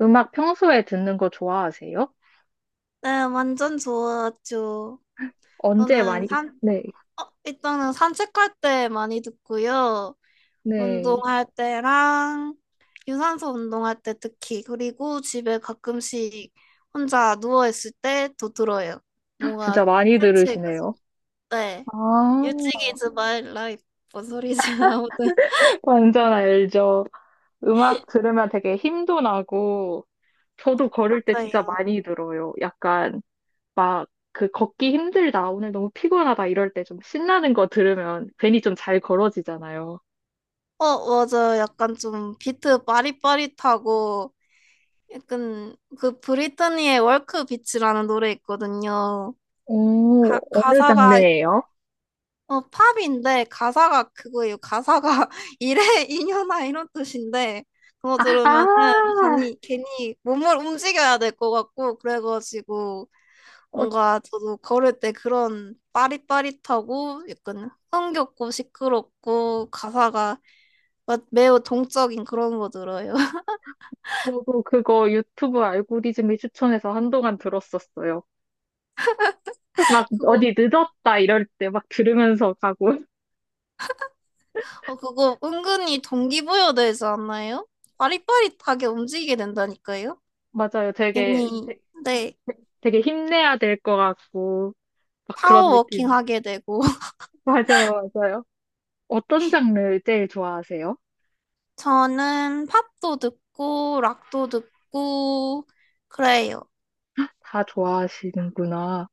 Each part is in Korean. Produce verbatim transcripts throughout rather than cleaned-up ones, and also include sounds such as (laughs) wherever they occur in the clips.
음악 평소에 듣는 거 좋아하세요? 네, 완전 좋았죠. 언제 저는 많이. 산, 네, 어, 일단은 산책할 때 많이 듣고요. 네. 운동할 때랑 유산소 운동할 때 특히. 그리고 집에 가끔씩 혼자 누워있을 때도 들어요. 뭔가 진짜 많이 산책, 들으시네요. 네. 아, 유치기 즈 마이 라이프. 뭔 소리지? (laughs) 아무튼. (laughs) 완전 알죠. 음악 들으면 되게 힘도 나고, 저도 걸을 때 진짜 맞아요. 많이 들어요. 약간 막 그 걷기 힘들다, 아, 오늘 너무 피곤하다 이럴 때 좀 신나는 거 들으면 괜히 좀 잘 걸어지잖아요. 어, 맞아요. 약간 좀 비트 빠릿빠릿하고 약간 그 브리트니의 월크 비치라는 노래 있거든요. 오, 가, 어느 가사가 장르예요? 어, 팝인데 가사가 그거예요. 가사가 (laughs) 이래 이년아 이런 뜻인데 그거 들으면은 아, 괜히 괜히 몸을 움직여야 될 것 같고 그래가지고 어, 뭔가 저도 걸을 때 그런 빠릿빠릿하고 약간 흥겹고 시끄럽고 가사가 막 매우 동적인 그런 거 들어요. (laughs) 저도 그거 유튜브 알고리즘이 추천해서 한동안 들었었어요. 막 그거 어디 늦었다 이럴 때 막 들으면서 가고. (laughs) 어, 그거 은근히 동기부여 되지 않나요? 빠릿빠릿하게 움직이게 된다니까요. 맞아요. 되게, 괜히 되- 네. 되게 힘내야 될 것 같고, 막 그런 파워워킹 느낌. 하게 되고 (laughs) 맞아요, 맞아요. 어떤 장르 제일 좋아하세요? 저는 팝도 듣고 락도 듣고 그래요. 다 좋아하시는구나.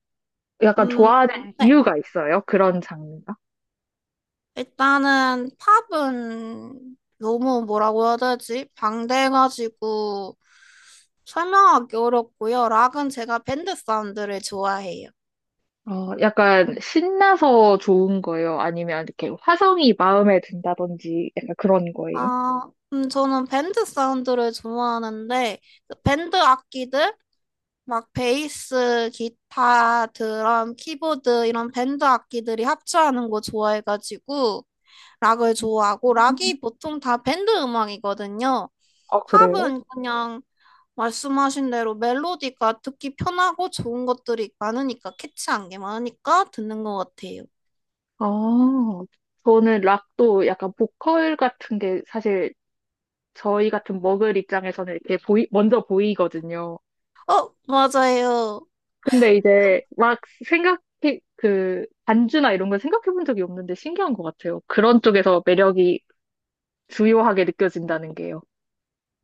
약간 음, 좋아하는 네. 이유가 있어요? 그런 장르가? 일단은 팝은 너무 뭐라고 해야 되지? 방대해가지고 설명하기 어렵고요. 락은 제가 밴드 사운드를 좋아해요. 어, 약간 신나서 좋은 거예요? 아니면 이렇게 화성이 마음에 든다든지 약간 그런 거예요? 아, 음, 저는 밴드 사운드를 좋아하는데 그 밴드 악기들 막 베이스, 기타, 드럼, 키보드 이런 밴드 악기들이 합주하는 거 좋아해가지고 락을 좋아하고 음. 락이 보통 다 밴드 음악이거든요. 아, 그래요? 팝은 그냥 말씀하신 대로 멜로디가 듣기 편하고 좋은 것들이 많으니까 캐치한 게 많으니까 듣는 것 같아요. 아, 저는 락도 약간 보컬 같은 게 사실 저희 같은 먹을 입장에서는 이렇게 보이, 먼저 보이거든요. 어, 맞아요. 근데 이제 막 생각해, 그, 반주나 이런 걸 생각해 본 적이 없는데 신기한 것 같아요. 그런 쪽에서 매력이 주요하게 느껴진다는 게요.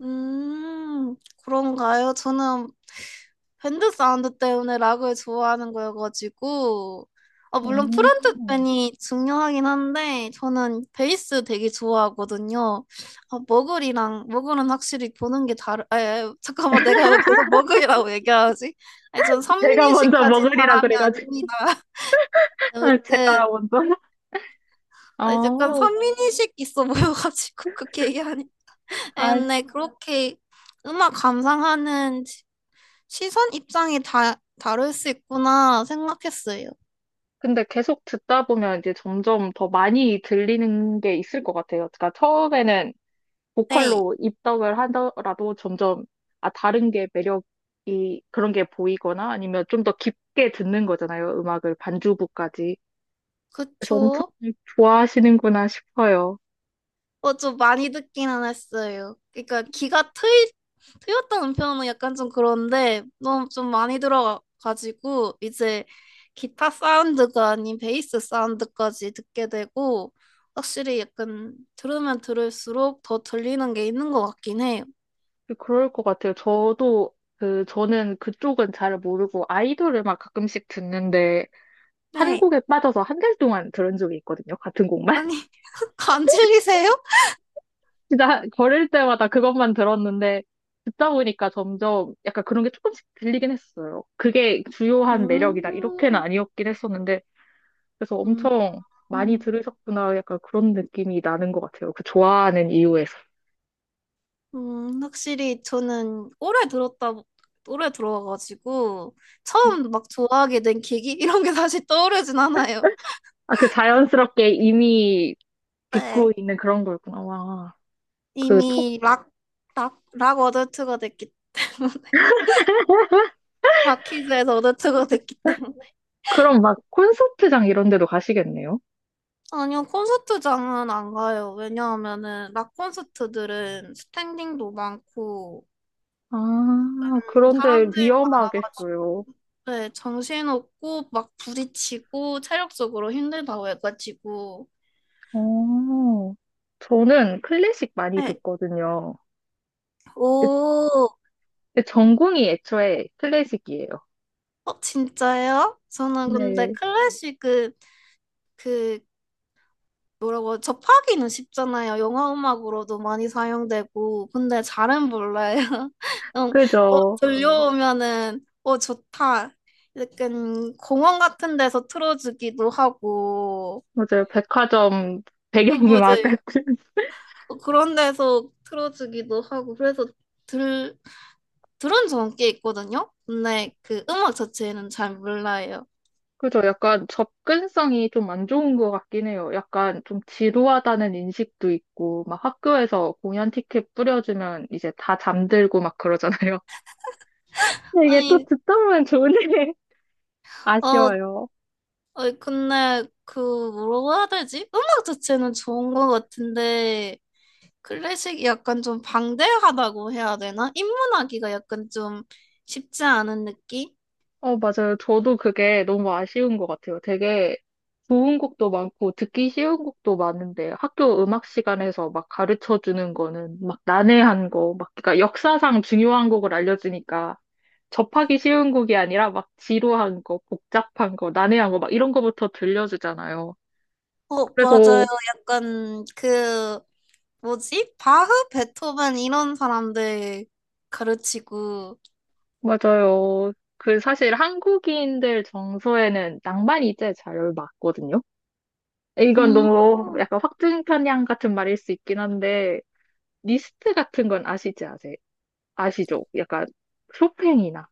음, 그런가요? 저는 밴드 사운드 때문에 락을 좋아하는 거여가지고 아, 물론 오. 프론트맨이 중요하긴 한데 저는 베이스 되게 좋아하거든요. 아, 머글이랑 머글은 확실히 보는 게 다르. 에, 잠깐만 내가 왜 계속 머글이라고 얘기하지? 아니, 전 제가 선민의식 먼저 가진 먹으리라 사람이 그래가지고, 아닙니다. (laughs) (laughs) 아, 제가 아무튼 먼저. 아, 약간 아, 선민의식 있어 보여가지고 (laughs) 그렇게 얘기하니. 아니, 아, 근데 그렇게 음악 감상하는 시선 입장이 다, 다를 수 있구나 생각했어요. 근데 계속 듣다 보면 이제 점점 더 많이 들리는 게 있을 것 같아요. 그러니까 처음에는 네, 보컬로 입덕을 하더라도 점점 아 다른 게 매력이 그런 게 보이거나 아니면 좀 더 깊게 듣는 거잖아요. 음악을 반주부까지. 그래서 엄청 그쵸. 좋아하시는구나 싶어요. 어, 좀 많이 듣기는 했어요. 그러니까 귀가 트이, 트였다는 표현은 약간 좀 그런데 너무 좀 많이 들어가지고 이제 기타 사운드가 아닌 베이스 사운드까지 듣게 되고 확실히 약간 들으면 들을수록 더 들리는 게 있는 것 같긴 해요. 그럴 것 같아요. 저도 그 저는 그쪽은 잘 모르고 아이돌 음악 가끔씩 듣는데 한 네. 곡에 빠져서 한 달 동안 들은 적이 있거든요. 같은 곡만. 아니, (laughs) 안 질리세요? 진짜 걸을 때마다 그것만 들었는데 듣다 보니까 점점 약간 그런 게 조금씩 들리긴 했어요. 그게 주요한 매력이다. 이렇게는 음, 아니었긴 했었는데 그래서 음. 엄청 많이 음. 들으셨구나. 약간 그런 느낌이 나는 것 같아요. 그 좋아하는 이유에서. 음, 확실히 저는 오래 들었다, 오래 들어와가지고, 처음 막 좋아하게 된 계기? (laughs) 이런 게 다시 떠오르진 않아요. 아, 그 자연스럽게 이미 듣고 네. 있는 그런 거였구나. 와, 그 톡, 이미 락, 락, 락 어덜트가 됐기 때문에 (laughs) 락키즈에서 어덜트가 됐기 때문에. 그럼 막 콘서트장 이런 데도 가시겠네요? 아니요, 콘서트장은 안 가요. 왜냐하면은, 락 콘서트들은 스탠딩도 많고, 아, 음, 그런데 사람들이 많아가지고, 위험하겠어요. 네, 정신없고, 막 부딪히고, 체력적으로 힘들다고 해가지고, 어, 저는 클래식 많이 네, 듣거든요. 오, 그 전공이 애초에 클래식이에요. 어, 진짜요? 저는 근데 네, 클래식은 그 그 뭐라고 하죠? 접하기는 쉽잖아요. 영화 음악으로도 많이 사용되고 근데 잘은 몰라요. (laughs) 음, 어, 그죠. 들려오면은 어 좋다. 약간 공원 같은 데서 틀어주기도 하고 맞아요. 백화점 어, 배경음악 맞아요. 같은. (laughs) 어, 그런 데서 틀어주기도 하고 그래서 들 들은 적은 꽤 있거든요. 근데 그 음악 자체는 잘 몰라요. 그죠. 약간 접근성이 좀 안 좋은 것 같긴 해요. 약간 좀 지루하다는 인식도 있고, 막 학교에서 공연 티켓 뿌려주면 이제 다 잠들고 막 그러잖아요. (laughs) 근데 이게 또 아니 듣다 보면 좋은데 (laughs) 어 아쉬워요. 아니, 근데, 그, 뭐라고 해야 되지? 음악 자체는 좋은 것 같은데, 클래식이 약간 좀 방대하다고 해야 되나? 입문하기가 약간 좀 쉽지 않은 느낌? 어, 맞아요. 저도 그게 너무 아쉬운 것 같아요. 되게 좋은 곡도 많고 듣기 쉬운 곡도 많은데 학교 음악 시간에서 막 가르쳐 주는 거는 막 난해한 거, 막 그러니까 역사상 중요한 곡을 알려주니까 접하기 쉬운 곡이 아니라 막 지루한 거, 복잡한 거, 난해한 거 막 이런 거부터 들려주잖아요. 어, 맞아요. 그래서 약간, 그, 뭐지? 바흐, 베토벤 이런 사람들 가르치고, 맞아요. 그 사실 한국인들 정서에는 낭만이 제일 잘 맞거든요. 이건 음, 너무 약간 확증편향 같은 말일 수 있긴 한데 리스트 같은 건 아시지 아세요? 아시죠? 약간 쇼팽이나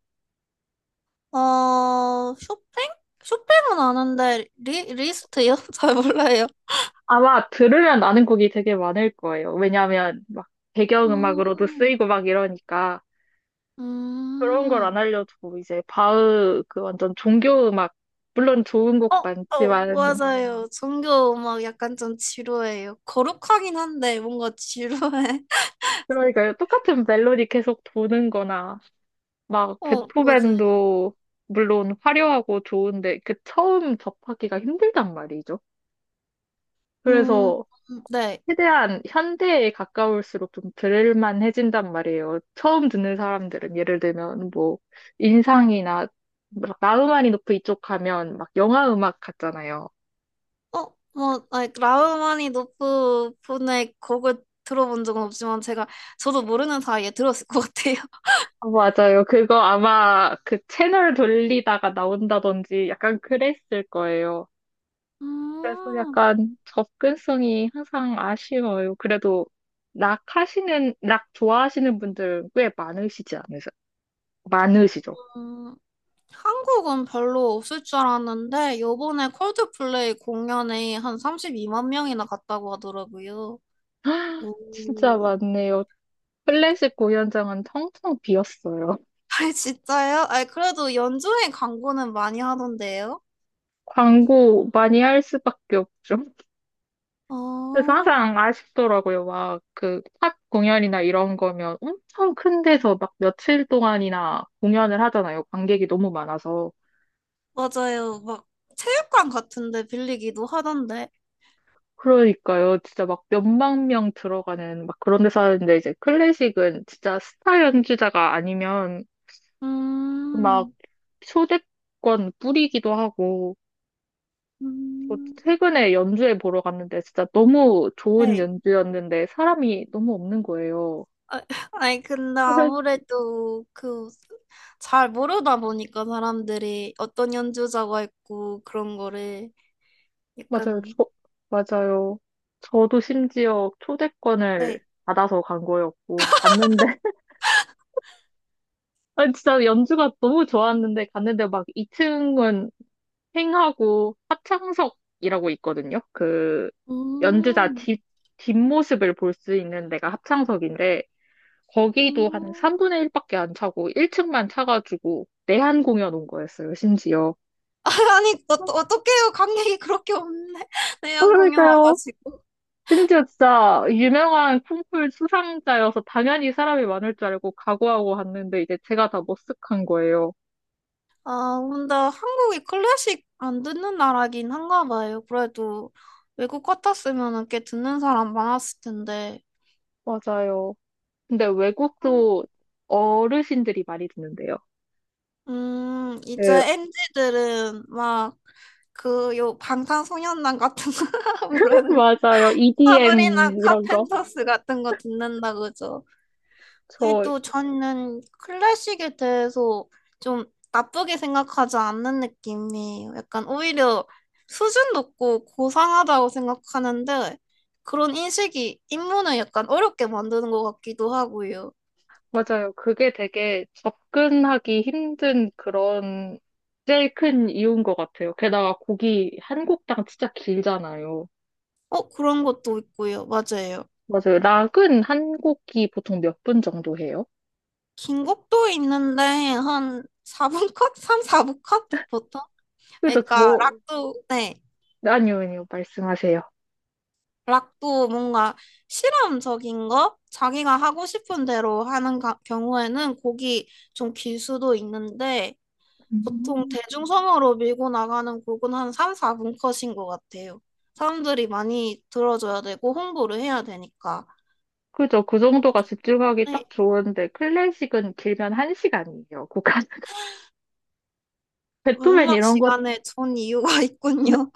어, 쇼팽? 쇼팽은 아는데, 리, 리스트요? (laughs) 잘 몰라요. 아마 들으면 아는 곡이 되게 많을 거예요. 왜냐하면 막 배경음악으로도 음, 쓰이고 막 이러니까 그런 걸 음. 안 알려주고 이제 바흐 그 완전 종교음악, 물론 좋은 곡 어, 어, 많지만 맞아요. 종교 음악 약간 좀 지루해요. 거룩하긴 한데 뭔가 지루해. 그러니까 똑같은 멜로디 계속 도는 거나 (laughs) 막 어, 맞아요. 베토벤도 물론 화려하고 좋은데 그 처음 접하기가 힘들단 말이죠. 음, 그래서 네. 최대한 현대에 가까울수록 좀 들을만해진단 말이에요. 처음 듣는 사람들은 예를 들면 뭐 인상이나 막 나우마니 노프 이쪽 가면 막 영화 음악 같잖아요. 어, 뭐, 아니, 라흐마니노프 분의 곡을 들어본 적은 없지만 제가 저도 모르는 사이에 들었을 것 같아요. 어, 맞아요. 그거 아마 그 채널 돌리다가 나온다든지 약간 그랬을 거예요. (laughs) 그래서 음, 약간 접근성이 항상 아쉬워요. 그래도 락 하시는, 락 좋아하시는 분들 꽤 많으시지 않으세요? 많으시죠? 음, 한국은 별로 없을 줄 알았는데 요번에 콜드플레이 공연에 한 삼십이만 명이나 갔다고 하더라고요. (gasps) 진짜 오. 많네요. 클래식 공연장은 텅텅 비었어요. (laughs) (laughs) 아, 진짜요? 아, 그래도 연주회 광고는 많이 하던데요? 광고 많이 할 수밖에 없죠. 그래서 어, 항상 아쉽더라고요. 막 그 팝 공연이나 이런 거면 엄청 큰 데서 막 며칠 동안이나 공연을 하잖아요. 관객이 너무 많아서. 맞아요. 막 체육관 같은데 빌리기도 하던데. 그러니까요. 진짜 막 몇만 명 들어가는 막 그런 데서 하는데 이제 클래식은 진짜 스타 연주자가 아니면 막 음, 초대권 뿌리기도 하고 저 음, 최근에 연주회 보러 갔는데 진짜 너무 좋은 네. 연주였는데 사람이 너무 없는 거예요. 아, (laughs) 아니, 근데 그래, 아무래도 그 잘 모르다 보니까 사람들이 어떤 연주자가 있고 그런 거를 맞아요. 약간, 저, 맞아요. 저도 심지어 초대권을 네. 받아서 간 거였고, 갔는데, (laughs) 아 진짜 연주가 너무 좋았는데, 갔는데 막 이 층은 횡하고 합창석이라고 있거든요. 그 연주자 음, 뒷, 뒷모습을 볼 수 있는 데가 합창석인데, 거기도 한 음. 삼 분의 일밖에 안 차고 일 층만 차가지고 내한 공연 온 거였어요, 심지어. (laughs) 아니, 어, 어떡해요. 관객이 그렇게 없네. (laughs) 내년 공연 그러니까요. 와가지고. 심지어 진짜 유명한 콩쿨 수상자여서 당연히 사람이 많을 줄 알고 각오하고 왔는데 이제 제가 다 머쓱한 거예요. 아, 근데 한국이 클래식 안 듣는 나라긴 한가 봐요. 그래도 외국 같았으면 꽤 듣는 사람 많았을 텐데. 맞아요. 근데 외국도 어르신들이 많이 듣는데요. 음, 이제 그, 엔지들은 막 그 요 방탄소년단 같은 거 (laughs) (laughs) 뭐라는 맞아요. 사브리나 이디엠 이런 거. 카펜터스 같은 거 듣는다 그죠? 저 그래도 저는 클래식에 대해서 좀 나쁘게 생각하지 않는 느낌이에요. 약간 오히려 수준 높고 고상하다고 생각하는데 그런 인식이 입문을 약간 어렵게 만드는 것 같기도 하고요. 맞아요. 그게 되게 접근하기 힘든 그런 제일 큰 이유인 것 같아요. 게다가 곡이 한 곡당 진짜 길잖아요. 어, 그런 것도 있고요. 맞아요. 맞아요. 락은 한 곡이 보통 몇 분 정도 해요? 긴 곡도 있는데 한 사 분 컷? 삼, 사 분 컷? 보통? 그래서 그러니까 저, 락도 네. 아니요, 아니요. 말씀하세요. 락도 뭔가 실험적인 거? 자기가 하고 싶은 대로 하는 가- 경우에는 곡이 좀 길 수도 있는데 보통 음. 대중성으로 밀고 나가는 곡은 한 삼, 사 분 컷인 것 같아요. 사람들이 많이 들어줘야 되고 홍보를 해야 되니까. 그죠. 그 정도가 집중하기 네. 딱 좋은데, 클래식은 길면 한 시간이에요. 곡 한, (laughs) 베토벤 음악 이런 것 시간에 좋은 이유가 (laughs) 있군요.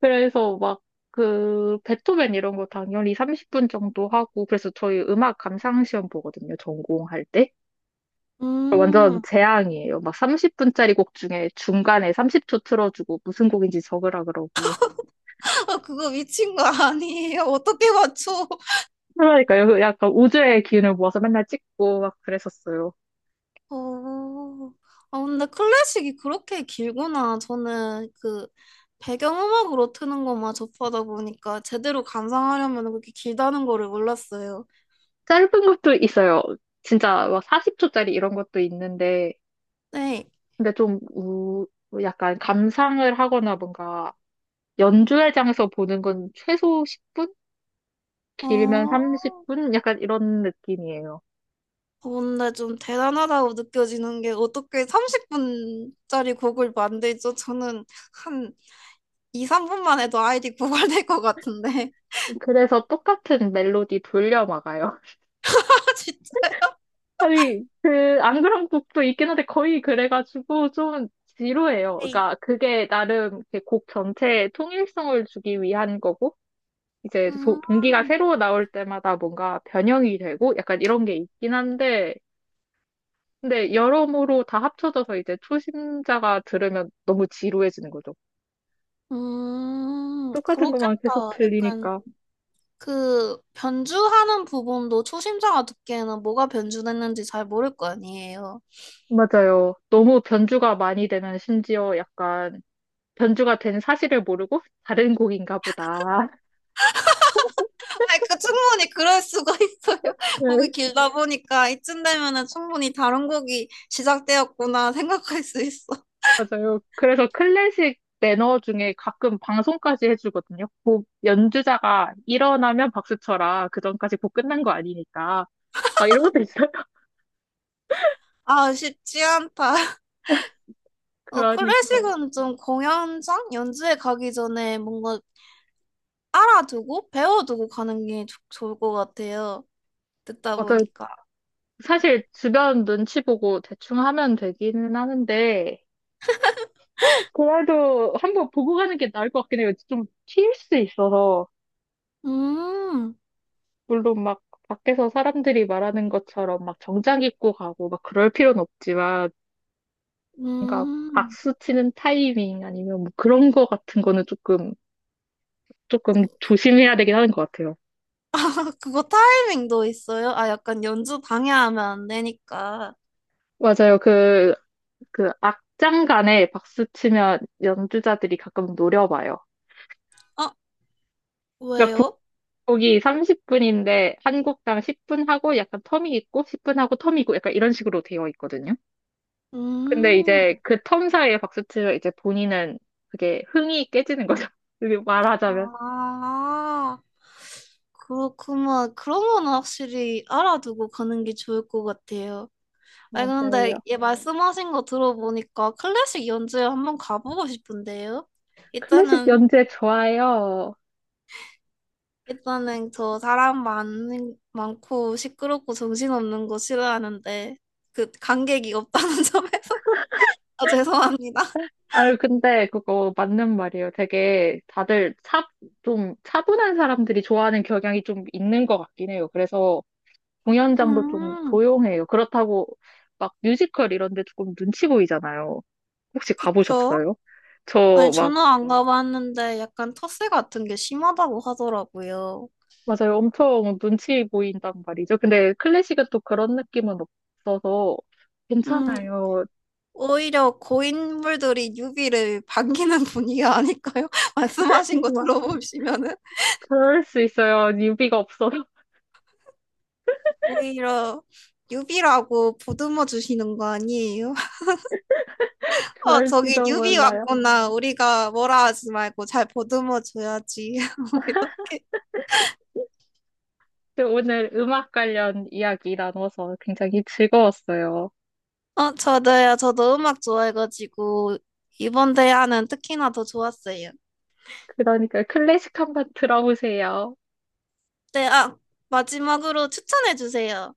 그래서 막 그 베토벤 이런 거 당연히 삼십 분 정도 하고 그래서 저희 음악 감상 시험 보거든요. 전공할 때. 완전 음, 재앙이에요. 막 삼십 분짜리 곡 중에 중간에 삼십 초 틀어주고 무슨 곡인지 적으라 그러고. (laughs) 그거 미친 거 아니에요? 어떻게 맞춰? 그러니까요. 그 약간 우주의 기운을 모아서 맨날 찍고 막 그랬었어요. 어, 아, 근데 클래식이 그렇게 길구나. 저는 그 배경음악으로 트는 것만 접하다 보니까 제대로 감상하려면 그렇게 길다는 거를 몰랐어요. 짧은 것도 있어요. 진짜 막 사십 초짜리 이런 것도 있는데 네. 근데 좀 우, 약간 감상을 하거나 뭔가 연주회 장에서 보는 건 최소 십 분? 어, 길면 어, 삼십 분? 약간 이런 느낌이에요. 근데 좀 대단하다고 느껴지는 게 어떻게 삼십 분짜리 곡을 만들죠? 저는 한 이, 삼 분만 해도 아이디 고갈될 것 같은데. 그래서 똑같은 멜로디 돌려 막아요. (laughs) (laughs) 아, 진짜. 아니, 그, 안 그런 곡도 있긴 한데 거의 그래가지고 좀 지루해요. 네. 그러니까 그게 나름 이렇게 곡 전체에 통일성을 주기 위한 거고, 이제 소- 음, 동기가 새로 나올 때마다 뭔가 변형이 되고 약간 이런 게 있긴 한데, 근데 여러모로 다 합쳐져서 이제 초심자가 들으면 너무 지루해지는 거죠. 음, 똑같은 것만 그렇겠다. 계속 약간 들리니까. 그 변주하는 부분도 초심자가 듣기에는 뭐가 변주됐는지 잘 모를 거 아니에요. 맞아요. 너무 변주가 많이 되면 심지어 약간 변주가 된 사실을 모르고 다른 곡인가 보다. (laughs) 아니, 그 충분히 그럴 수가 있어요. (laughs) 곡이 네, 길다 보니까 이쯤 되면은 충분히 다른 곡이 시작되었구나 생각할 수 있어. 맞아요. 그래서 클래식 매너 중에 가끔 방송까지 해주거든요. 곡 연주자가 일어나면 박수 쳐라. 그전까지 곡 끝난 거 아니니까. 아, 이런 것도 있어요? (laughs) 아, 쉽지 않다. 어, 그러니까요. 클래식은 좀 공연장 연주회 가기 전에 뭔가 알아두고 배워두고 가는 게 좋- 좋을 것 같아요. 듣다 맞아요. 보니까. 사실 주변 눈치 보고 대충 하면 되기는 하는데, 그래도 한번 보고 가는 게 나을 것 같긴 해요. 좀 튈 수 있어서. 음, 물론 막 밖에서 사람들이 말하는 것처럼 막 정장 입고 가고 막 그럴 필요는 없지만, 그러니까 음. 박수 치는 타이밍 아니면 뭐 그런 거 같은 거는 조금, 조금 조심해야 되긴 하는 것 같아요. 아, (laughs) 그거 타이밍도 있어요? 아, 약간 연주 방해하면 안 되니까. 맞아요. 그, 그, 악장간에 박수 치면 연주자들이 가끔 노려봐요. 아, 그러니까 왜요? 국곡이 삼십 분인데 한 곡당 십 분 하고 약간 텀이 있고 십 분 하고 텀이 있고 약간 이런 식으로 되어 있거든요. 근데 음, 이제 그 텀 사이에 박수치면 이제 본인은 그게 흥이 깨지는 거죠. (laughs) 이렇게 말하자면. 아, 그렇구만 그런 건 확실히 알아두고 가는 게 좋을 것 같아요. 아니, 근데 맞아요. 얘 말씀하신 거 들어보니까 클래식 연주회 한번 가보고 싶은데요? 클래식 일단은, 연주회 좋아요. 일단은 저 사람 많, 많고 시끄럽고 정신없는 거 싫어하는데, 그, 관객이 없다는 (laughs) 점에서 아, 죄송합니다. 아유, 근데 그거 맞는 말이에요. 되게 다들 차, 좀 차분한 사람들이 좋아하는 경향이 좀 있는 것 같긴 해요. 그래서 공연장도 좀 음, 조용해요. 그렇다고 막 뮤지컬 이런 데 조금 눈치 보이잖아요. 혹시 그쵸. 가보셨어요? 아니, 저막 저는 안 가봤는데 약간 텃세 같은 게 심하다고 하더라고요. 맞아요. 엄청 눈치 보인단 말이죠. 근데 클래식은 또 그런 느낌은 없어서 음, 괜찮아요. 오히려 고인물들이 유비를 반기는 분위기가 아닐까요? (laughs) 말씀하신 거 막 들어보시면은. 그럴 수 있어요. 유비가 없어서 오히려 유비라고 보듬어 주시는 거 아니에요? (laughs) (laughs) 어, 저기 그럴지도 유비 몰라요. 왔구나. 우리가 뭐라 하지 말고 잘 보듬어 줘야지. (laughs) 오히려. 근데 오늘 음악 관련 이야기 나눠서 굉장히 즐거웠어요. 어, 저도요. 저도 음악 좋아해가지고 이번 대화는 특히나 더 좋았어요. 그러니까 클래식 한번 들어보세요. 네, 아, 마지막으로 추천해 주세요.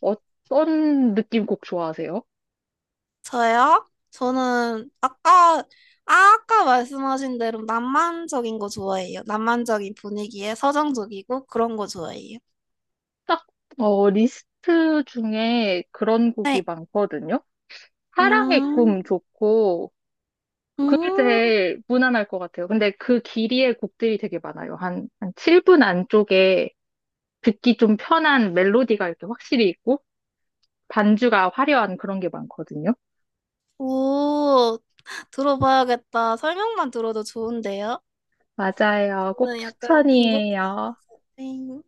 어떤 느낌 곡 좋아하세요? 저요? 저는 아까, 아, 아까 말씀하신 대로 낭만적인 거 좋아해요. 낭만적인 분위기에 서정적이고 그런 거 좋아해요. 딱, 어, 리스트 중에 그런 네. 곡이 많거든요. 사랑의 음, 꿈 좋고, 그게 음, 제일 무난할 것 같아요. 근데 그 길이의 곡들이 되게 많아요. 한, 한 칠 분 안쪽에 듣기 좀 편한 멜로디가 이렇게 확실히 있고, 반주가 화려한 그런 게 많거든요. 오, 들어봐야겠다. 설명만 들어도 좋은데요? 맞아요. 꼭 저는 약간 김 곡. 추천이에요. 네.